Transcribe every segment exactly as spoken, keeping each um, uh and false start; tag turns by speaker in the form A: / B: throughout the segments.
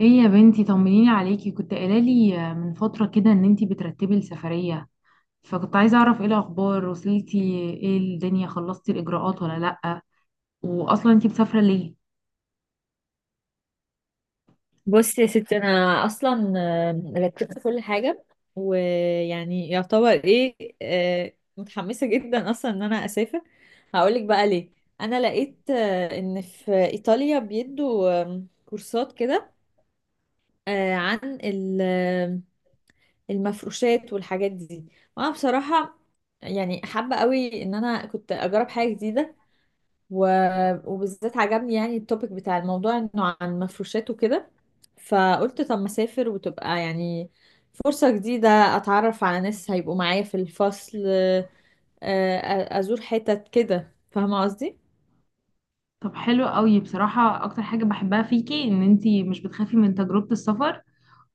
A: ايه يا بنتي، طمنيني عليكي. كنت قايله لي من فتره كده ان انتي بترتبي السفريه، فكنت عايزه اعرف ايه الاخبار. وصلتي؟ ايه الدنيا، خلصتي الاجراءات ولا لا؟ واصلا انتي مسافره ليه؟
B: بصي يا ستي انا اصلا آه، رتبت كل حاجه، ويعني يعتبر ايه. آه، متحمسه جدا اصلا ان انا اسافر. هقولك بقى ليه. انا لقيت آه، ان في ايطاليا بيدوا آم، كورسات كده آه، عن ال- آم، المفروشات والحاجات دي. وانا بصراحه يعني حابه قوي ان انا كنت اجرب حاجه جديده. و... وبالذات عجبني يعني التوبيك بتاع الموضوع انه عن مفروشات وكده. فقلت طب ما اسافر وتبقى يعني فرصة جديدة اتعرف على ناس هيبقوا معايا في الفصل، آه، آه، ازور حتت كده، فاهمة قصدي؟
A: طب حلو قوي، بصراحه اكتر حاجه بحبها فيكي ان انتي مش بتخافي من تجربه السفر،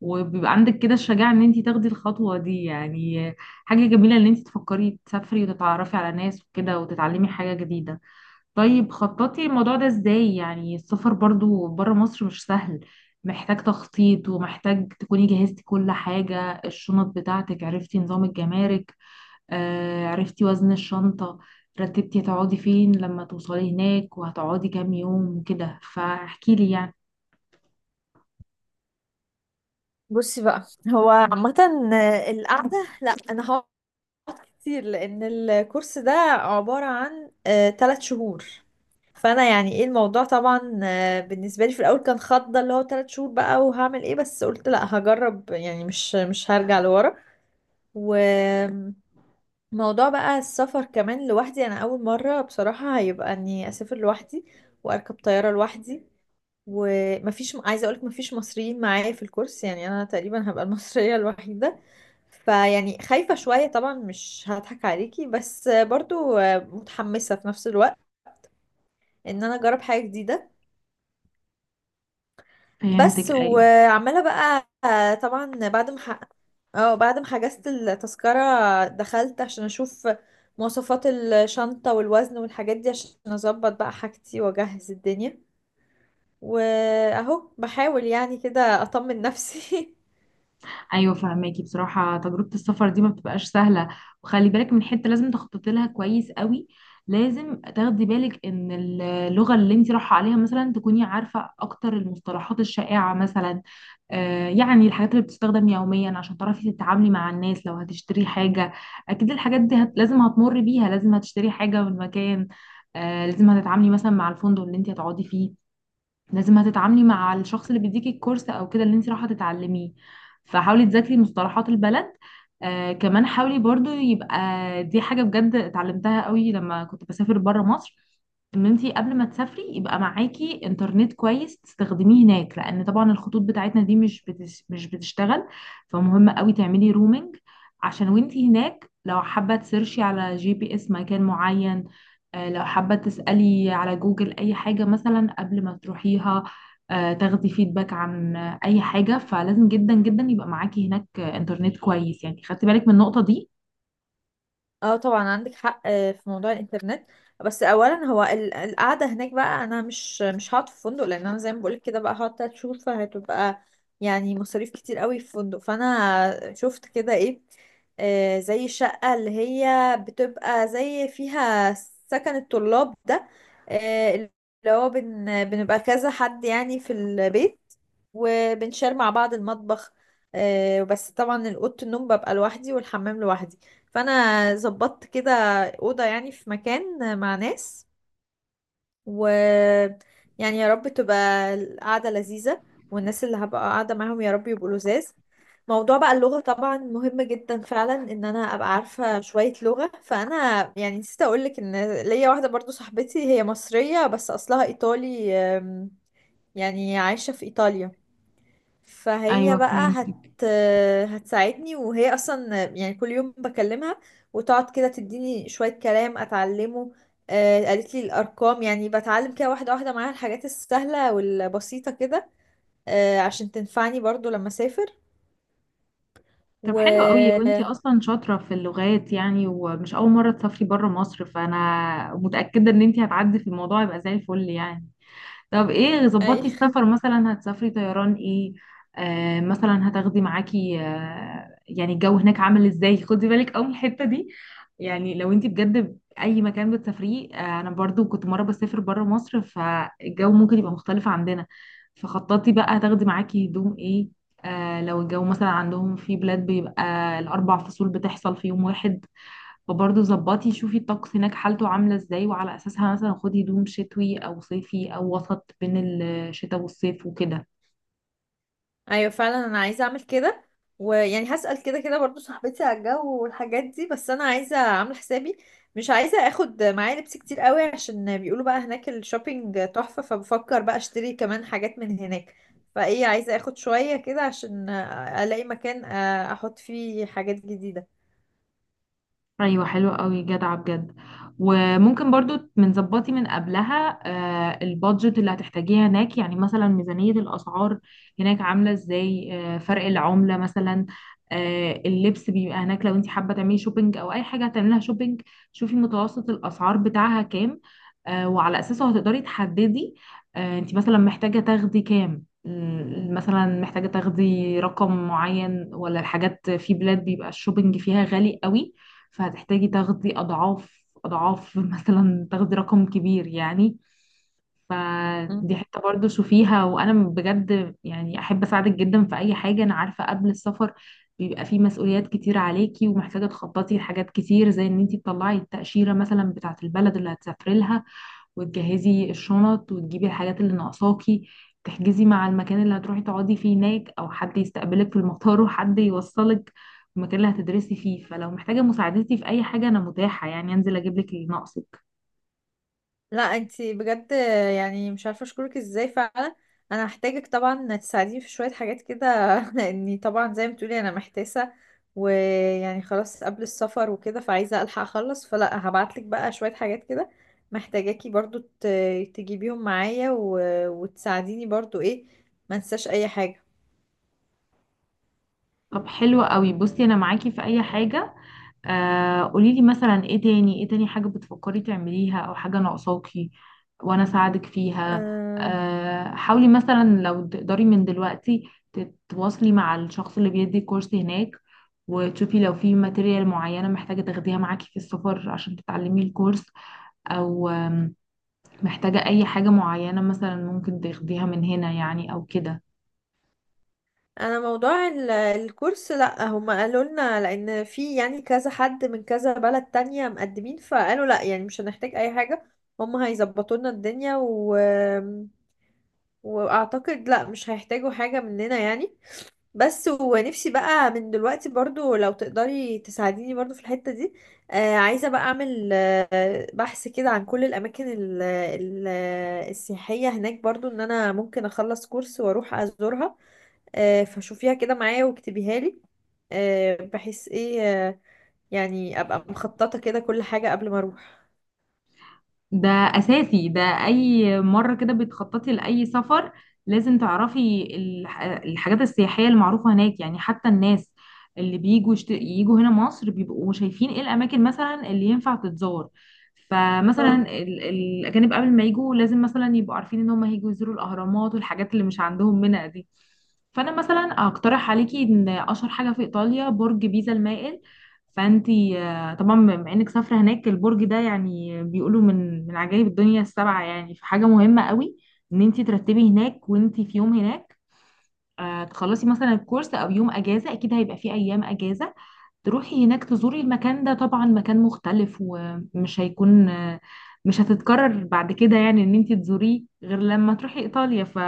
A: وبيبقى عندك كده الشجاعه ان انتي تاخدي الخطوه دي يعني. حاجه جميله ان انتي تفكري تسافري وتتعرفي على ناس وكده وتتعلمي حاجه جديده. طيب، خططي الموضوع ده ازاي؟ يعني السفر برضو بره مصر مش سهل، محتاج تخطيط، ومحتاج تكوني جهزتي كل حاجة. الشنط بتاعتك، عرفتي نظام الجمارك؟ آه، عرفتي وزن الشنطة؟ رتبتي هتقعدي فين لما توصلي هناك، وهتقعدي كام يوم وكده؟ فاحكيلي يعني.
B: بصي بقى، هو عامة القعدة لا انا كتير لان الكورس ده عبارة عن آه، تلات شهور. فانا يعني ايه الموضوع طبعا، آه، بالنسبة لي في الاول كان خضة اللي هو تلات شهور بقى وهعمل ايه، بس قلت لا هجرب يعني مش مش هرجع لورا. وموضوع بقى السفر كمان لوحدي، انا اول مرة بصراحة هيبقى اني اسافر لوحدي واركب طيارة لوحدي. ومفيش، عايزة اقولك مفيش مصريين معايا في الكورس، يعني انا تقريبا هبقى المصرية الوحيدة. فيعني خايفة شوية طبعا، مش هضحك عليكي، بس برضو متحمسة في نفس الوقت ان انا اجرب حاجة جديدة. بس
A: فهمتك، ايوه.
B: وعمالة بقى طبعا بعد ما ح- اه بعد ما حجزت التذكرة، دخلت عشان اشوف مواصفات الشنطة والوزن والحاجات دي عشان اظبط بقى حاجتي واجهز الدنيا، واهو بحاول يعني كده اطمن نفسي.
A: ايوه فهماكي، بصراحه تجربه السفر دي ما بتبقاش سهله، وخلي بالك من حته لازم تخططي لها كويس قوي. لازم تاخدي بالك ان اللغه اللي انت رايحه عليها مثلا تكوني عارفه اكتر المصطلحات الشائعه مثلا، آه، يعني الحاجات اللي بتستخدم يوميا عشان تعرفي تتعاملي مع الناس لو هتشتري حاجة. أكيد الحاجات دي هت... لازم هتمر بيها، لازم هتشتري حاجة من مكان، آه، لازم هتتعاملي مثلا مع الفندق اللي انت هتقعدي فيه، لازم هتتعاملي مع الشخص اللي بيديكي الكورس او كده اللي انت رايحه تتعلميه. فحاولي تذاكري مصطلحات البلد. آه كمان حاولي برضو يبقى، دي حاجه بجد اتعلمتها قوي لما كنت بسافر بره مصر، ان انت قبل ما تسافري يبقى معاكي انترنت كويس تستخدميه هناك، لان طبعا الخطوط بتاعتنا دي مش بتش مش بتشتغل فمهم قوي تعملي رومينج عشان وانت هناك لو حابه تسيرشي على جي بي اس مكان معين، آه، لو حابة تسألي على جوجل أي حاجة مثلا قبل ما تروحيها، آه، تاخدي فيدباك عن آه، أي حاجة. فلازم جدا جدا يبقى معاكي هناك آه، إنترنت كويس. يعني خدتي بالك من النقطة دي؟
B: اه طبعا عندك حق آه، في موضوع الانترنت. بس اولا هو ال- القعده هناك بقى انا مش مش هقعد في فندق، لان انا زي ما بقولك كده بقى هقعد تلات شهور فهتبقى يعني مصاريف كتير قوي في فندق. فانا شفت كده ايه، آه، زي الشقه اللي هي بتبقى زي فيها سكن الطلاب ده، آه، اللي هو بن بنبقى كذا حد يعني في البيت وبنشار مع بعض المطبخ. آه، بس طبعا الأوضة النوم ببقى لوحدي والحمام لوحدي. فانا ظبطت كده اوضه يعني في مكان مع ناس. و يعني يا رب تبقى القعده لذيذه، والناس اللي هبقى قاعده معاهم يا رب يبقوا لذاذ. موضوع بقى اللغه طبعا مهم جدا فعلا ان انا ابقى عارفه شويه لغه. فانا يعني نسيت اقولك ان ليا واحده برضو صاحبتي، هي مصريه بس اصلها ايطالي، أم، يعني عايشه في ايطاليا. فهي
A: أيوة
B: بقى هت
A: فهمتك.
B: هتساعدني، وهي اصلا يعني كل يوم بكلمها، وتقعد كده تديني شوية كلام اتعلمه. آه، قالت لي الارقام، يعني بتعلم كده واحدة واحدة معاها الحاجات السهلة والبسيطة كده، آه، عشان تنفعني برضو لما اسافر.
A: طب
B: و
A: حلو قوي، وانتي أصلا شاطرة في اللغات يعني، ومش أول مرة تسافري بره مصر، فأنا متأكدة إن انتي هتعدي في الموضوع يبقى زي الفل يعني. طب ايه
B: اي.
A: ظبطتي السفر؟ مثلا هتسافري طيران ايه؟ آه مثلا هتاخدي معاكي آه، يعني الجو هناك عامل ازاي؟ خدي بالك قوي من الحتة دي، يعني لو انت بجد اي مكان بتسافريه آه، انا برضو كنت مرة بسافر بره مصر فالجو ممكن يبقى مختلف عندنا. فخططي بقى هتاخدي معاكي هدوم ايه. آه لو الجو مثلا عندهم في بلاد بيبقى الاربع فصول بتحصل في يوم واحد، فبرضه ظبطي شوفي الطقس هناك حالته عاملة ازاي، وعلى أساسها مثلا خدي هدوم شتوي أو صيفي أو وسط بين الشتاء والصيف وكده.
B: ايوه فعلا انا عايزه اعمل كده. ويعني هسأل كده كده برضو صاحبتي على الجو والحاجات دي، بس انا عايزه اعمل حسابي. مش عايزه اخد معايا لبس كتير قوي، عشان بيقولوا بقى هناك الشوبينج تحفه، فبفكر بقى اشتري كمان حاجات من هناك. فايه، عايزه اخد شويه كده عشان الاقي مكان آه، احط فيه حاجات جديده.
A: ايوه حلو قوي، جدعه بجد. وممكن برضو من ظبطي من قبلها آه، البادجت اللي هتحتاجيها هناك. يعني مثلا ميزانية الأسعار هناك عاملة ازاي، آه، فرق العملة مثلا، آه، اللبس بيبقى هناك لو انت حابة تعملي شوبينج او اي حاجة هتعملها شوبينج. شوفي متوسط الأسعار بتاعها كام، آه، وعلى أساسه هتقدري تحددي آه، انت مثلا محتاجة تاخدي كام. م- مثلا محتاجة تاخدي رقم معين، ولا الحاجات في بلاد بيبقى الشوبينج فيها غالي قوي فهتحتاجي تاخدي أضعاف أضعاف مثلا تاخدي رقم كبير يعني. فدي حتة برضو شوفيها، وأنا بجد يعني أحب أساعدك جدا في أي حاجة. أنا عارفة قبل السفر بيبقى فيه مسؤوليات كتير عليكي، ومحتاجة تخططي لحاجات كتير، زي إن أنتي تطلعي التأشيرة مثلا بتاعة البلد اللي هتسافري لها، وتجهزي الشنط، وتجيبي الحاجات اللي ناقصاكي، تحجزي مع المكان اللي هتروحي تقعدي فيه هناك، او حد يستقبلك في المطار وحد يوصلك المكان اللي هتدرسي فيه. فلو محتاجة مساعدتي في اي حاجة انا متاحة يعني، انزل اجيب لك اللي ناقصك.
B: لا انتي بجد، يعني مش عارفه اشكرك ازاي فعلا. انا هحتاجك طبعا تساعديني في شويه حاجات كده، لاني طبعا زي ما بتقولي انا محتاسه. ويعني خلاص قبل السفر وكده، فعايزه الحق اخلص، فلا هبعتلك بقى شويه حاجات كده، محتاجاكي برضو ت- تجيبيهم معايا و... وتساعديني برضو ايه، ما انساش اي حاجه.
A: طب حلو قوي، بصي انا معاكي في اي حاجة. آه قوليلي مثلا ايه تاني، ايه تاني حاجة بتفكري تعمليها او حاجة ناقصاكي وانا اساعدك فيها.
B: آه،
A: آه حاولي مثلا لو تقدري من دلوقتي تتواصلي مع الشخص اللي بيدي كورس هناك، وتشوفي لو في ماتيريال معينة محتاجة تاخديها معاكي في السفر عشان تتعلمي الكورس، او آم، محتاجة اي حاجة معينة مثلا ممكن تاخديها من هنا يعني او كده.
B: انا موضوع ال- الكورس لا، هم قالوا لنا لان في يعني كذا حد من كذا بلد تانية مقدمين، فقالوا لا يعني مش هنحتاج اي حاجة، هم هيظبطوا لنا الدنيا. و... واعتقد لا مش هيحتاجوا حاجة مننا يعني. بس ونفسي بقى من دلوقتي برضو لو تقدري تساعديني برضو في الحتة دي. آه عايزة بقى اعمل آه بحث كده عن كل الاماكن ال... ال... السياحية هناك، برضو ان انا ممكن اخلص كورس واروح ازورها. آه، فشوفيها كده معايا واكتبيها لي، آه، بحيث ايه آه، يعني ابقى مخططة كده كل حاجة قبل ما اروح.
A: ده اساسي ده، اي مره كده بتخططي لاي سفر لازم تعرفي الح- الحاجات السياحيه المعروفه هناك. يعني حتى الناس اللي بيجوا يشت... يجوا هنا مصر بيبقوا شايفين ايه الاماكن مثلا اللي ينفع تتزار. فمثلا
B: اه
A: ال... الاجانب قبل ما يجوا لازم مثلا يبقوا عارفين ان هم هيجوا يزوروا الاهرامات والحاجات اللي مش عندهم منها دي. فانا مثلا اقترح عليكي ان اشهر حاجه في ايطاليا برج بيزا المائل. فانتي طبعا بما انك سافرة هناك، البرج ده يعني بيقولوا من من عجائب الدنيا السبعة يعني، فحاجة مهمة قوي ان انت ترتبي هناك وانت في يوم هناك، آه، تخلصي مثلا الكورس او يوم اجازة، اكيد هيبقى فيه ايام اجازة، تروحي هناك تزوري المكان ده. طبعا مكان مختلف ومش هيكون، مش هتتكرر بعد كده يعني ان انت تزوريه غير لما تروحي ايطاليا، ف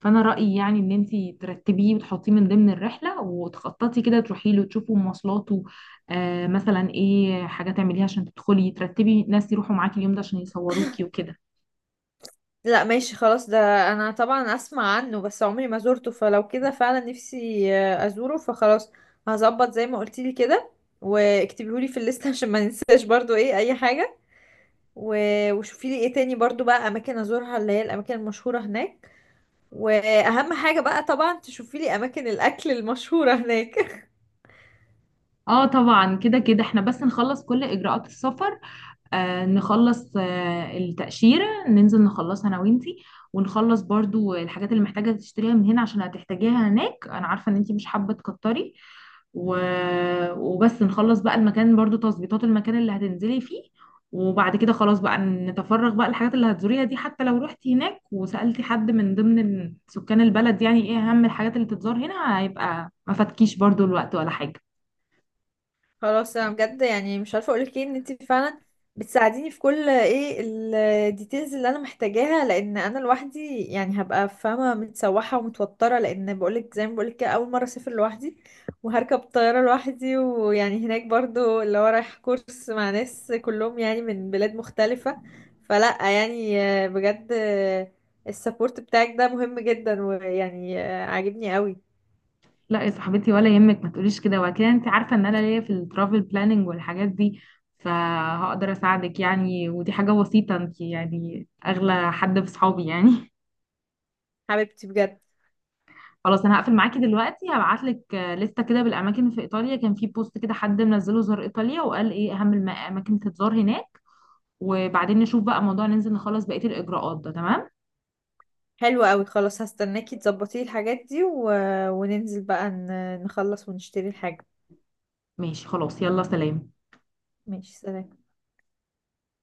A: فانا رأيي يعني ان انت ترتبيه وتحطيه من ضمن الرحلة وتخططي كده تروحي له تشوفوا مواصلاته. آه مثلا ايه حاجة تعمليها عشان تدخلي ترتبي ناس يروحوا معاكي اليوم ده عشان يصوروكي وكده.
B: لا ماشي خلاص ده، انا طبعا اسمع عنه بس عمري ما زورته، فلو كده فعلا نفسي آه، ازوره. فخلاص هظبط زي ما قلتيلي كده، واكتبيهولي في الليسته عشان ما ننساش برضو ايه اي حاجة. و- وشوفيلي ايه تاني برضو بقى اماكن ازورها، اللي هي الاماكن المشهورة هناك. واهم حاجة بقى طبعا تشوفيلي اماكن الاكل المشهورة هناك.
A: اه طبعا، كده كده احنا بس نخلص كل اجراءات السفر، آه، نخلص آه، التأشيرة، ننزل نخلصها أنا وإنتي، ونخلص برضو الحاجات اللي محتاجة تشتريها من هنا عشان هتحتاجيها هناك. أنا عارفة إن إنتي مش حابة تكتري، و... وبس نخلص بقى المكان برضو، تظبيطات المكان اللي هتنزلي فيه. وبعد كده خلاص بقى نتفرغ بقى الحاجات اللي هتزوريها دي. حتى لو رحتي هناك وسألتي حد من ضمن سكان البلد يعني إيه أهم الحاجات اللي تتزار هنا، هيبقى ما فاتكيش برضو الوقت ولا حاجة.
B: خلاص انا بجد يعني مش عارفه اقولك ايه، ان انت فعلا بتساعديني في كل ايه الديتيلز اللي انا محتاجاها. لان انا لوحدي يعني هبقى فاهمه متسوحه ومتوتره، لان بقولك زي ما بقولك كده اول مره اسافر لوحدي وهركب طياره لوحدي. ويعني هناك برضو اللي هو رايح كورس مع ناس كلهم يعني من بلاد مختلفه. فلا يعني آه، بجد السبورت بتاعك ده مهم جدا، ويعني آه، عاجبني قوي.
A: لا يا صاحبتي، ولا يهمك، ما تقوليش كده وكده، انت عارفه ان انا ليا في الترافل بلاننج والحاجات دي، فهقدر اساعدك يعني، ودي حاجه بسيطه، انت يعني اغلى حد في صحابي يعني.
B: حبيبتي بجد.
A: خلاص، انا هقفل معاكي دلوقتي، هبعت لك لسته كده بالاماكن في ايطاليا، كان في بوست كده حد منزله زار ايطاليا وقال ايه اهم الاماكن تتزار هناك، وبعدين نشوف بقى موضوع ننزل نخلص بقيه الاجراءات. ده تمام؟
B: حلو قوي خلاص، هستناكي تظبطي الحاجات دي و... وننزل بقى ن... نخلص ونشتري الحاجة.
A: ماشي خلاص، يلا سلام.
B: ماشي سلام.